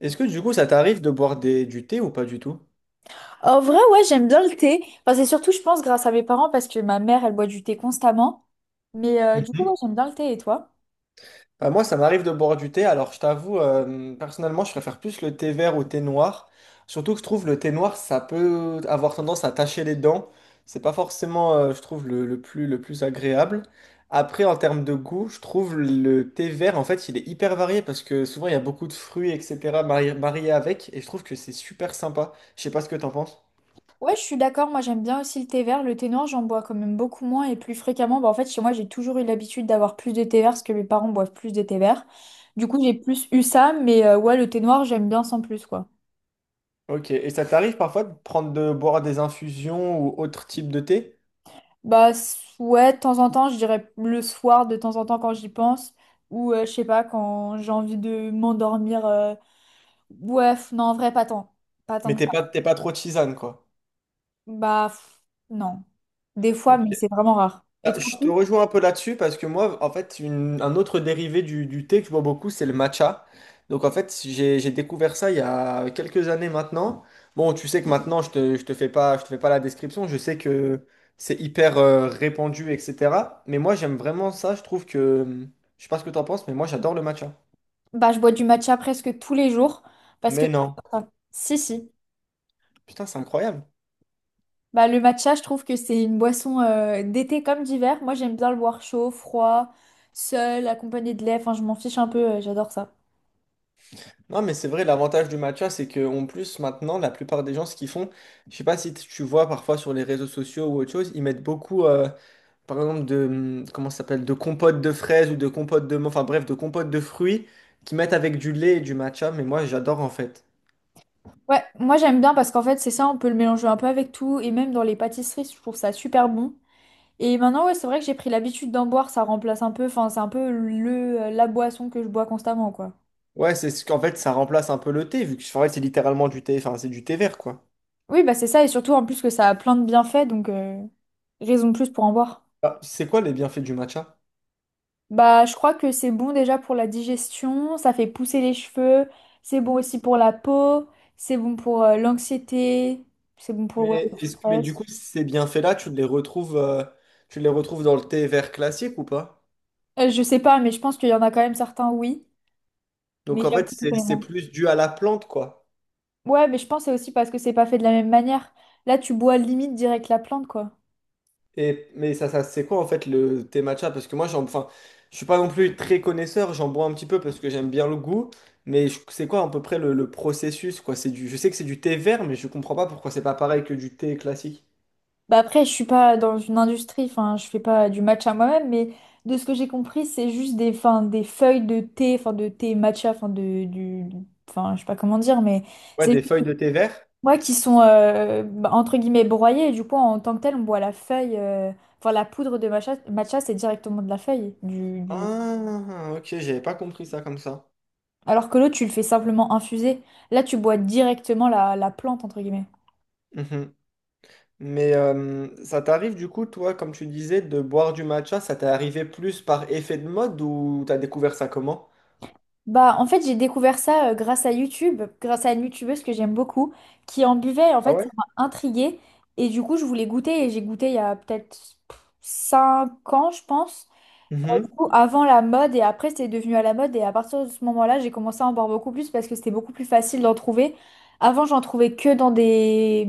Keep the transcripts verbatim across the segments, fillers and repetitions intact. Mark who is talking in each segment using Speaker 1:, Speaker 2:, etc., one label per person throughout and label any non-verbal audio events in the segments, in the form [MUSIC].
Speaker 1: Est-ce que du coup, ça t'arrive de boire des- du thé ou pas du tout?
Speaker 2: En vrai, ouais, j'aime bien le thé. Enfin, c'est surtout, je pense, grâce à mes parents parce que ma mère, elle boit du thé constamment. Mais euh, du coup,
Speaker 1: Mhm.
Speaker 2: ouais, j'aime bien le thé. Et toi?
Speaker 1: Bah, moi, ça m'arrive de boire du thé. Alors, je t'avoue, euh, personnellement, je préfère plus le thé vert au thé noir. Surtout que je trouve le thé noir, ça peut avoir tendance à tacher les dents. C'est pas forcément, euh, je trouve, le, le plus, le plus agréable. Après, en termes de goût, je trouve le thé vert, en fait, il est hyper varié parce que souvent, il y a beaucoup de fruits, et cætera, mari- mariés avec. Et je trouve que c'est super sympa. Je sais pas ce que t'en penses.
Speaker 2: Ouais, je suis d'accord. Moi, j'aime bien aussi le thé vert. Le thé noir, j'en bois quand même beaucoup moins et plus fréquemment. Bah, en fait, chez moi, j'ai toujours eu l'habitude d'avoir plus de thé vert parce que mes parents boivent plus de thé vert. Du coup, j'ai plus eu ça. Mais euh, ouais, le thé noir, j'aime bien sans plus, quoi.
Speaker 1: Ok. Et ça t'arrive parfois de prendre de boire des infusions ou autre type de thé?
Speaker 2: Bah, s- ouais, de temps en temps, je dirais le soir, de temps en temps, quand j'y pense. Ou, euh, je sais pas, quand j'ai envie de m'endormir. euh, Ouais, f- non, en vrai, pas tant. Pas tant
Speaker 1: Mais
Speaker 2: que.
Speaker 1: t'es pas, t'es pas trop tisane, quoi.
Speaker 2: Bah, pff, non. Des fois,
Speaker 1: Ok.
Speaker 2: mais c'est vraiment rare. Et
Speaker 1: Ah,
Speaker 2: toi, en
Speaker 1: je te
Speaker 2: plus.
Speaker 1: rejoins un peu là-dessus parce que moi, en fait, une- un autre dérivé du, du thé que je bois beaucoup, c'est le matcha. Donc, en fait, j'ai, j'ai découvert ça il y a quelques années maintenant. Bon, tu sais que maintenant, je te, je te fais pas, je te fais pas la description. Je sais que c'est hyper euh, répandu, et cætera. Mais moi, j'aime vraiment ça. Je trouve que, je sais pas ce que t'en penses, mais moi, j'adore le matcha.
Speaker 2: Bah, je bois du matcha presque tous les jours parce que...
Speaker 1: Mais non.
Speaker 2: enfin, si, si.
Speaker 1: Putain, c'est incroyable.
Speaker 2: Bah, le matcha, je trouve que c'est une boisson euh, d'été comme d'hiver. Moi, j'aime bien le boire chaud, froid, seul, accompagné de lait. Enfin, je m'en fiche un peu, euh, j'adore ça.
Speaker 1: Non, mais c'est vrai, l'avantage du matcha, c'est que en plus, maintenant, la plupart des gens, ce qu'ils font, je sais pas si tu tu vois parfois sur les réseaux sociaux ou autre chose, ils mettent beaucoup, euh, par exemple, de, hum, comment ça s'appelle, de compote de fraises ou de compote de, enfin bref, de compote de fruits qu'ils mettent avec du lait et du matcha, mais moi, j'adore en fait.
Speaker 2: Ouais, moi j'aime bien parce qu'en fait, c'est ça, on peut le mélanger un peu avec tout. Et même dans les pâtisseries, je trouve ça super bon. Et maintenant, ouais, c'est vrai que j'ai pris l'habitude d'en boire, ça remplace un peu, enfin, c'est un peu le, euh, la boisson que je bois constamment, quoi.
Speaker 1: Ouais, c'est ce qu'en fait, ça remplace un peu le thé, vu que en fait, c'est littéralement du thé, enfin, c'est du thé vert, quoi.
Speaker 2: Oui, bah c'est ça, et surtout en plus que ça a plein de bienfaits, donc euh, raison de plus pour en boire.
Speaker 1: Ah, c'est quoi les bienfaits du matcha?
Speaker 2: Bah, je crois que c'est bon déjà pour la digestion, ça fait pousser les cheveux, c'est bon aussi pour la peau, c'est bon pour euh, l'anxiété, c'est bon pour ouais, le
Speaker 1: Mais, est-ce- mais du
Speaker 2: stress.
Speaker 1: coup, ces bienfaits-là, tu les retrouves, euh, tu les retrouves dans le thé vert classique ou pas?
Speaker 2: Euh, je sais pas, mais je pense qu'il y en a quand même certains, oui, mais
Speaker 1: Donc en
Speaker 2: j'avoue
Speaker 1: fait,
Speaker 2: que je
Speaker 1: c'est
Speaker 2: connais
Speaker 1: c'est
Speaker 2: moins.
Speaker 1: plus dû à la plante, quoi.
Speaker 2: Ouais, mais je pense que c'est aussi parce que c'est pas fait de la même manière. Là, tu bois limite direct la plante, quoi.
Speaker 1: Et, mais ça, ça c'est quoi en fait le thé matcha? Parce que moi, j'en, enfin, je suis pas non plus très connaisseur, j'en bois un petit peu parce que j'aime bien le goût, mais je- c'est quoi à peu près le, le processus, quoi? C'est du, je sais que c'est du thé vert, mais je comprends pas pourquoi c'est pas pareil que du thé classique.
Speaker 2: Bah après, je suis pas dans une industrie, enfin, je fais pas du matcha moi-même, mais de ce que j'ai compris, c'est juste des, enfin, des feuilles de thé, enfin, de thé matcha, enfin, de, du, enfin, je sais pas comment dire, mais
Speaker 1: Ouais,
Speaker 2: c'est
Speaker 1: des
Speaker 2: juste
Speaker 1: feuilles
Speaker 2: des
Speaker 1: de thé vert.
Speaker 2: noix qui sont, euh, bah, entre guillemets, broyées, et du coup, en tant que tel, on boit la feuille, euh, enfin, la poudre de matcha, matcha, c'est directement de la feuille, du, du...
Speaker 1: Ah, ok, j'avais pas compris ça comme ça.
Speaker 2: Alors que l'autre, tu le fais simplement infuser. Là, tu bois directement la, la plante, entre guillemets.
Speaker 1: Mhm. Mais euh, ça t'arrive du coup, toi, comme tu disais, de boire du matcha, ça t'est arrivé plus par effet de mode ou t'as découvert ça comment?
Speaker 2: Bah, en fait, j'ai découvert ça euh, grâce à YouTube, grâce à une youtubeuse que j'aime beaucoup, qui en buvait. En
Speaker 1: Ah
Speaker 2: fait, ça
Speaker 1: ouais?
Speaker 2: m'a intriguée. Et du coup, je voulais goûter. Et j'ai goûté il y a peut-être cinq ans, je pense. Du coup, avant la mode. Et après, c'était devenu à la mode. Et à partir de ce moment-là, j'ai commencé à en boire beaucoup plus parce que c'était beaucoup plus facile d'en trouver. Avant, j'en trouvais que dans des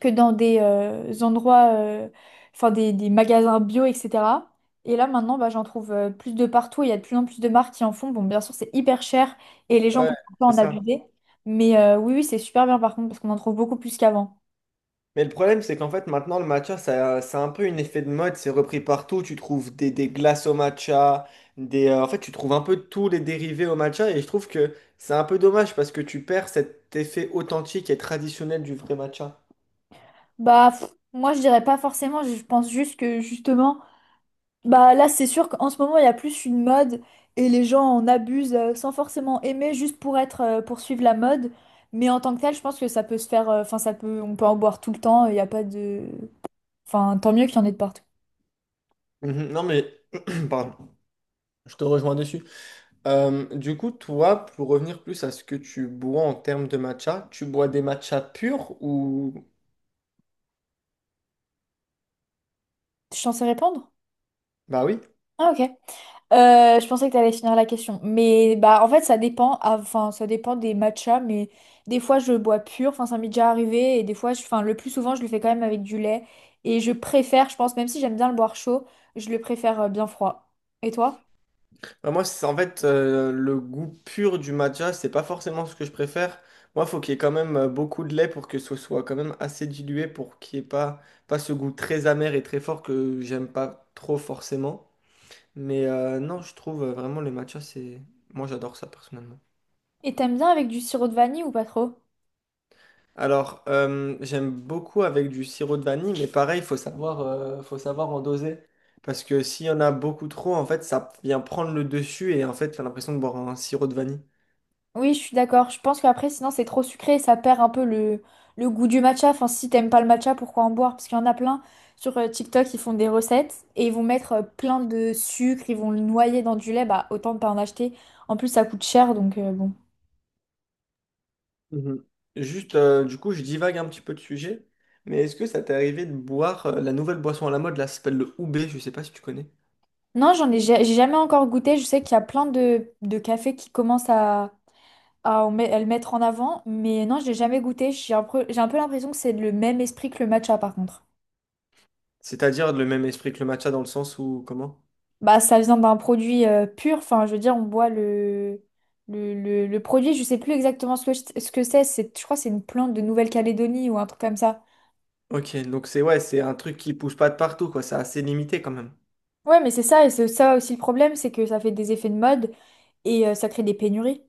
Speaker 2: que dans des euh, endroits, euh, enfin des, des magasins bio, et cetera. Et là maintenant, bah, j'en trouve euh, plus de partout. Il y a de plus en plus de marques qui en font. Bon, bien sûr, c'est hyper cher et les gens
Speaker 1: Ouais,
Speaker 2: peuvent un peu
Speaker 1: c'est
Speaker 2: en
Speaker 1: ça.
Speaker 2: abuser. Mais euh, oui, oui, c'est super bien par contre parce qu'on en trouve beaucoup plus qu'avant.
Speaker 1: Mais le problème, c'est qu'en fait, maintenant, le matcha, ça, c'est un peu une effet de mode. C'est repris partout. Tu trouves des, des glaces au matcha. Des, euh, en fait, tu trouves un peu tous les dérivés au matcha. Et je trouve que c'est un peu dommage parce que tu perds cet effet authentique et traditionnel du vrai matcha.
Speaker 2: Bah, pff, moi, je dirais pas forcément. Je pense juste que justement. Bah là, c'est sûr qu'en ce moment, il y a plus une mode et les gens en abusent euh, sans forcément aimer, juste pour être, euh, pour suivre la mode. Mais en tant que tel, je pense que ça peut se faire, euh, enfin, ça peut, on peut en boire tout le temps, il n'y a pas de... Enfin, tant mieux qu'il y en ait de partout.
Speaker 1: Mhm. Non mais, [CLEARS THROAT] pardon, je te rejoins dessus. Euh, du coup, toi, pour revenir plus à ce que tu bois en termes de matcha, tu bois des matchas purs ou...
Speaker 2: Tu es censé répondre?
Speaker 1: Bah oui.
Speaker 2: Ah, ok. Euh, je pensais que tu allais finir la question. Mais bah en fait ça dépend, Ah, enfin ça dépend des matchas, mais des fois je bois pur, enfin ça m'est déjà arrivé, et des fois, je- enfin le plus souvent je le fais quand même avec du lait. Et je préfère, je pense, même si j'aime bien le boire chaud, je le préfère euh, bien froid. Et toi?
Speaker 1: Bah moi, c'est en fait euh, le goût pur du matcha, c'est pas forcément ce que je préfère. Moi, faut qu'il y ait quand même euh, beaucoup de lait pour que ce soit quand même assez dilué pour qu'il n'y ait pas, pas ce goût très amer et très fort que j'aime pas trop forcément. Mais euh, non, je trouve euh, vraiment le matcha, c'est... Moi, j'adore ça personnellement.
Speaker 2: Et t'aimes bien avec du sirop de vanille ou pas trop?
Speaker 1: Alors, euh, j'aime beaucoup avec du sirop de vanille, mais pareil, il faut savoir, euh, faut savoir en doser. Parce que s'il y en a beaucoup trop, en fait, ça vient prendre le dessus et en fait, t'as l'impression de boire un sirop de vanille.
Speaker 2: Oui, je suis d'accord. Je pense qu'après, sinon, c'est trop sucré et ça perd un peu le, le goût du matcha. Enfin, si t'aimes pas le matcha, pourquoi en boire? Parce qu'il y en a plein sur euh, TikTok, ils font des recettes et ils vont mettre euh, plein de sucre, ils vont le noyer dans du lait. Bah, autant ne pas en acheter. En plus, ça coûte cher, donc euh, bon.
Speaker 1: Mhm. Juste, euh, du coup, je divague un petit peu de sujet, mais est-ce que ça t'est arrivé de boire euh, la nouvelle boisson à la mode, là, ça s'appelle le Oubé, je sais pas si tu connais.
Speaker 2: Non, j'en ai, ja- j'ai jamais encore goûté. Je sais qu'il y a plein de, de cafés qui commencent à, à, en met- à le mettre en avant, mais non, je l'ai jamais goûté. J'ai un peu, j'ai un peu l'impression que c'est le même esprit que le matcha, par contre.
Speaker 1: C'est-à-dire le même esprit que le matcha dans le sens où, comment?
Speaker 2: Bah, ça vient d'un produit euh, pur, enfin, je veux dire, on boit le, le, le, le produit, je sais plus exactement ce que, je- ce que c'est, c'est, je crois que c'est une plante de Nouvelle-Calédonie ou un truc comme ça.
Speaker 1: Ok, donc c'est ouais, c'est un truc qui pousse pas de partout, quoi, c'est assez limité quand même.
Speaker 2: Ouais, mais c'est ça, et c'est ça aussi le problème, c'est que ça fait des effets de mode et euh, ça crée des pénuries.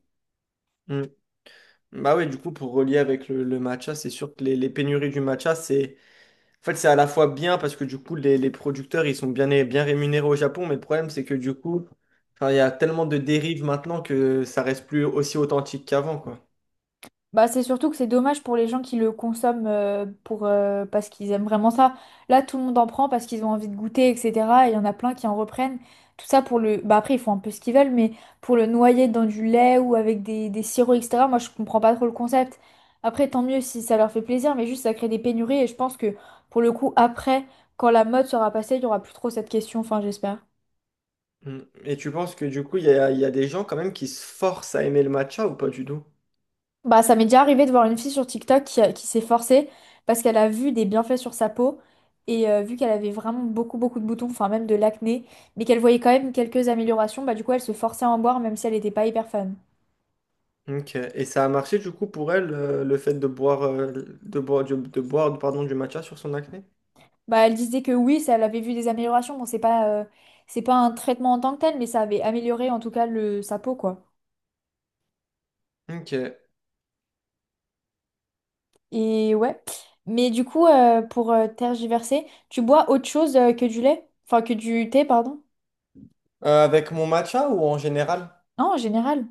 Speaker 1: Bah ouais, du coup, pour relier avec le, le matcha, c'est sûr que les, les pénuries du matcha, c'est en fait, c'est à la fois bien parce que du coup, les, les producteurs, ils sont bien, bien rémunérés au Japon, mais le problème, c'est que du coup, enfin, il y a tellement de dérives maintenant que ça reste plus aussi authentique qu'avant, quoi.
Speaker 2: Bah, c'est surtout que c'est dommage pour les gens qui le consomment euh, pour, euh, parce qu'ils aiment vraiment ça. Là, tout le monde en prend parce qu'ils ont envie de goûter, et cetera. Et il y en a plein qui en reprennent. Tout ça pour le... Bah, après, ils font un peu ce qu'ils veulent, mais pour le noyer dans du lait ou avec des, des sirops, et cetera. Moi, je comprends pas trop le concept. Après, tant mieux si ça leur fait plaisir, mais juste ça crée des pénuries. Et je pense que pour le coup, après, quand la mode sera passée, il y aura plus trop cette question. Enfin, j'espère.
Speaker 1: Mm. Et tu penses que du coup, il y a, il y a des gens quand même qui se forcent à aimer le matcha ou pas du tout?
Speaker 2: Bah, ça m'est déjà arrivé de voir une fille sur TikTok qui, qui s'est forcée parce qu'elle a vu des bienfaits sur sa peau et euh, vu qu'elle avait vraiment beaucoup beaucoup de boutons, enfin même de l'acné, mais qu'elle voyait quand même quelques améliorations, bah du coup elle se forçait à en boire même si elle n'était pas hyper fan.
Speaker 1: Ok. Et ça a marché du coup pour elle, euh, le fait de boire, euh, de boire, du- de boire, pardon, du matcha sur son acné?
Speaker 2: Bah elle disait que oui, ça, elle avait vu des améliorations, bon c'est pas, euh, c'est pas un traitement en tant que tel, mais ça avait amélioré en tout cas le, sa peau quoi.
Speaker 1: Ok. Euh,
Speaker 2: Et ouais, mais du coup euh, pour euh, tergiverser, tu bois autre chose euh, que du lait? Enfin que du thé, pardon?
Speaker 1: avec mon matcha ou en général?
Speaker 2: Non, en général.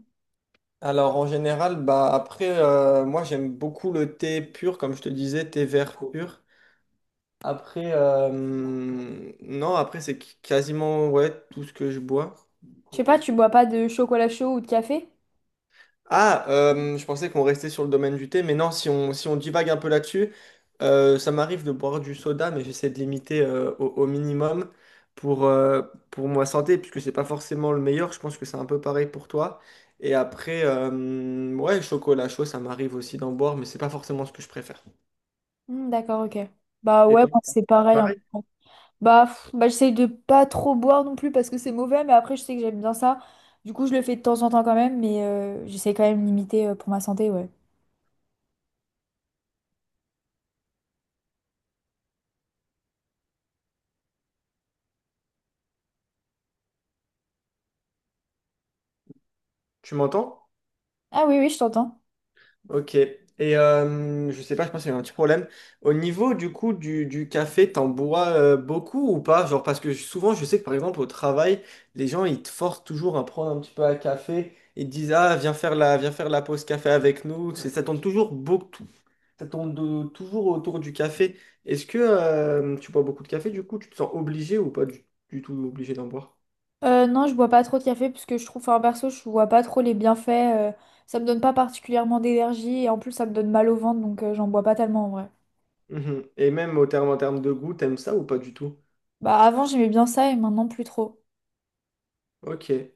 Speaker 1: Alors en général, bah après, euh, moi j'aime beaucoup le thé pur, comme je te disais, thé vert pur. Après, euh, non, après c'est qui- quasiment ouais, tout ce que je bois.
Speaker 2: Je sais pas, tu bois pas de chocolat chaud ou de café?
Speaker 1: Ah, euh, je pensais qu'on restait sur le domaine du thé, mais non, si on, si on divague un peu là-dessus, euh, ça m'arrive de boire du soda, mais j'essaie de limiter euh, au, au minimum pour, euh, pour ma santé, puisque c'est pas forcément le meilleur. Je pense que c'est un peu pareil pour toi. Et après, euh, ouais, chocolat chaud, ça m'arrive aussi d'en boire, mais c'est pas forcément ce que je préfère.
Speaker 2: Hmm, d'accord, ok. Bah
Speaker 1: Et
Speaker 2: ouais,
Speaker 1: toi,
Speaker 2: moi, c'est pareil, en
Speaker 1: pareil,
Speaker 2: fait. Bah, pff, bah j'essaye de pas trop boire non plus parce que c'est mauvais, mais après je sais que j'aime bien ça. Du coup, je le fais de temps en temps quand même, mais euh, j'essaie quand même de limiter euh, pour ma santé, ouais.
Speaker 1: tu m'entends?
Speaker 2: Ah oui, oui, je t'entends.
Speaker 1: Ok. Et euh, je sais pas, je pense qu'il y a un petit problème. Au niveau du coup du, du café, t'en bois euh, beaucoup ou pas? Genre parce que souvent je sais que par exemple au travail, les gens ils te forcent toujours à prendre un petit peu à café et te disent ah viens faire la viens faire la pause café avec nous. C'est- Ça tourne toujours beaucoup, ça tourne de- toujours autour du café. Est-ce que euh, tu bois beaucoup de café du coup? Tu te sens obligé ou pas du, du tout obligé d'en boire?
Speaker 2: Euh, non, je bois pas trop de café parce que je trouve, enfin perso, je vois pas trop les bienfaits. Euh, ça me donne pas particulièrement d'énergie et en plus ça me donne mal au ventre, donc euh, j'en bois pas tellement en vrai.
Speaker 1: Mhm. Et même au terme en termes de goût, t'aimes ça ou pas du tout?
Speaker 2: Bah avant j'aimais bien ça et maintenant plus trop.
Speaker 1: Ok.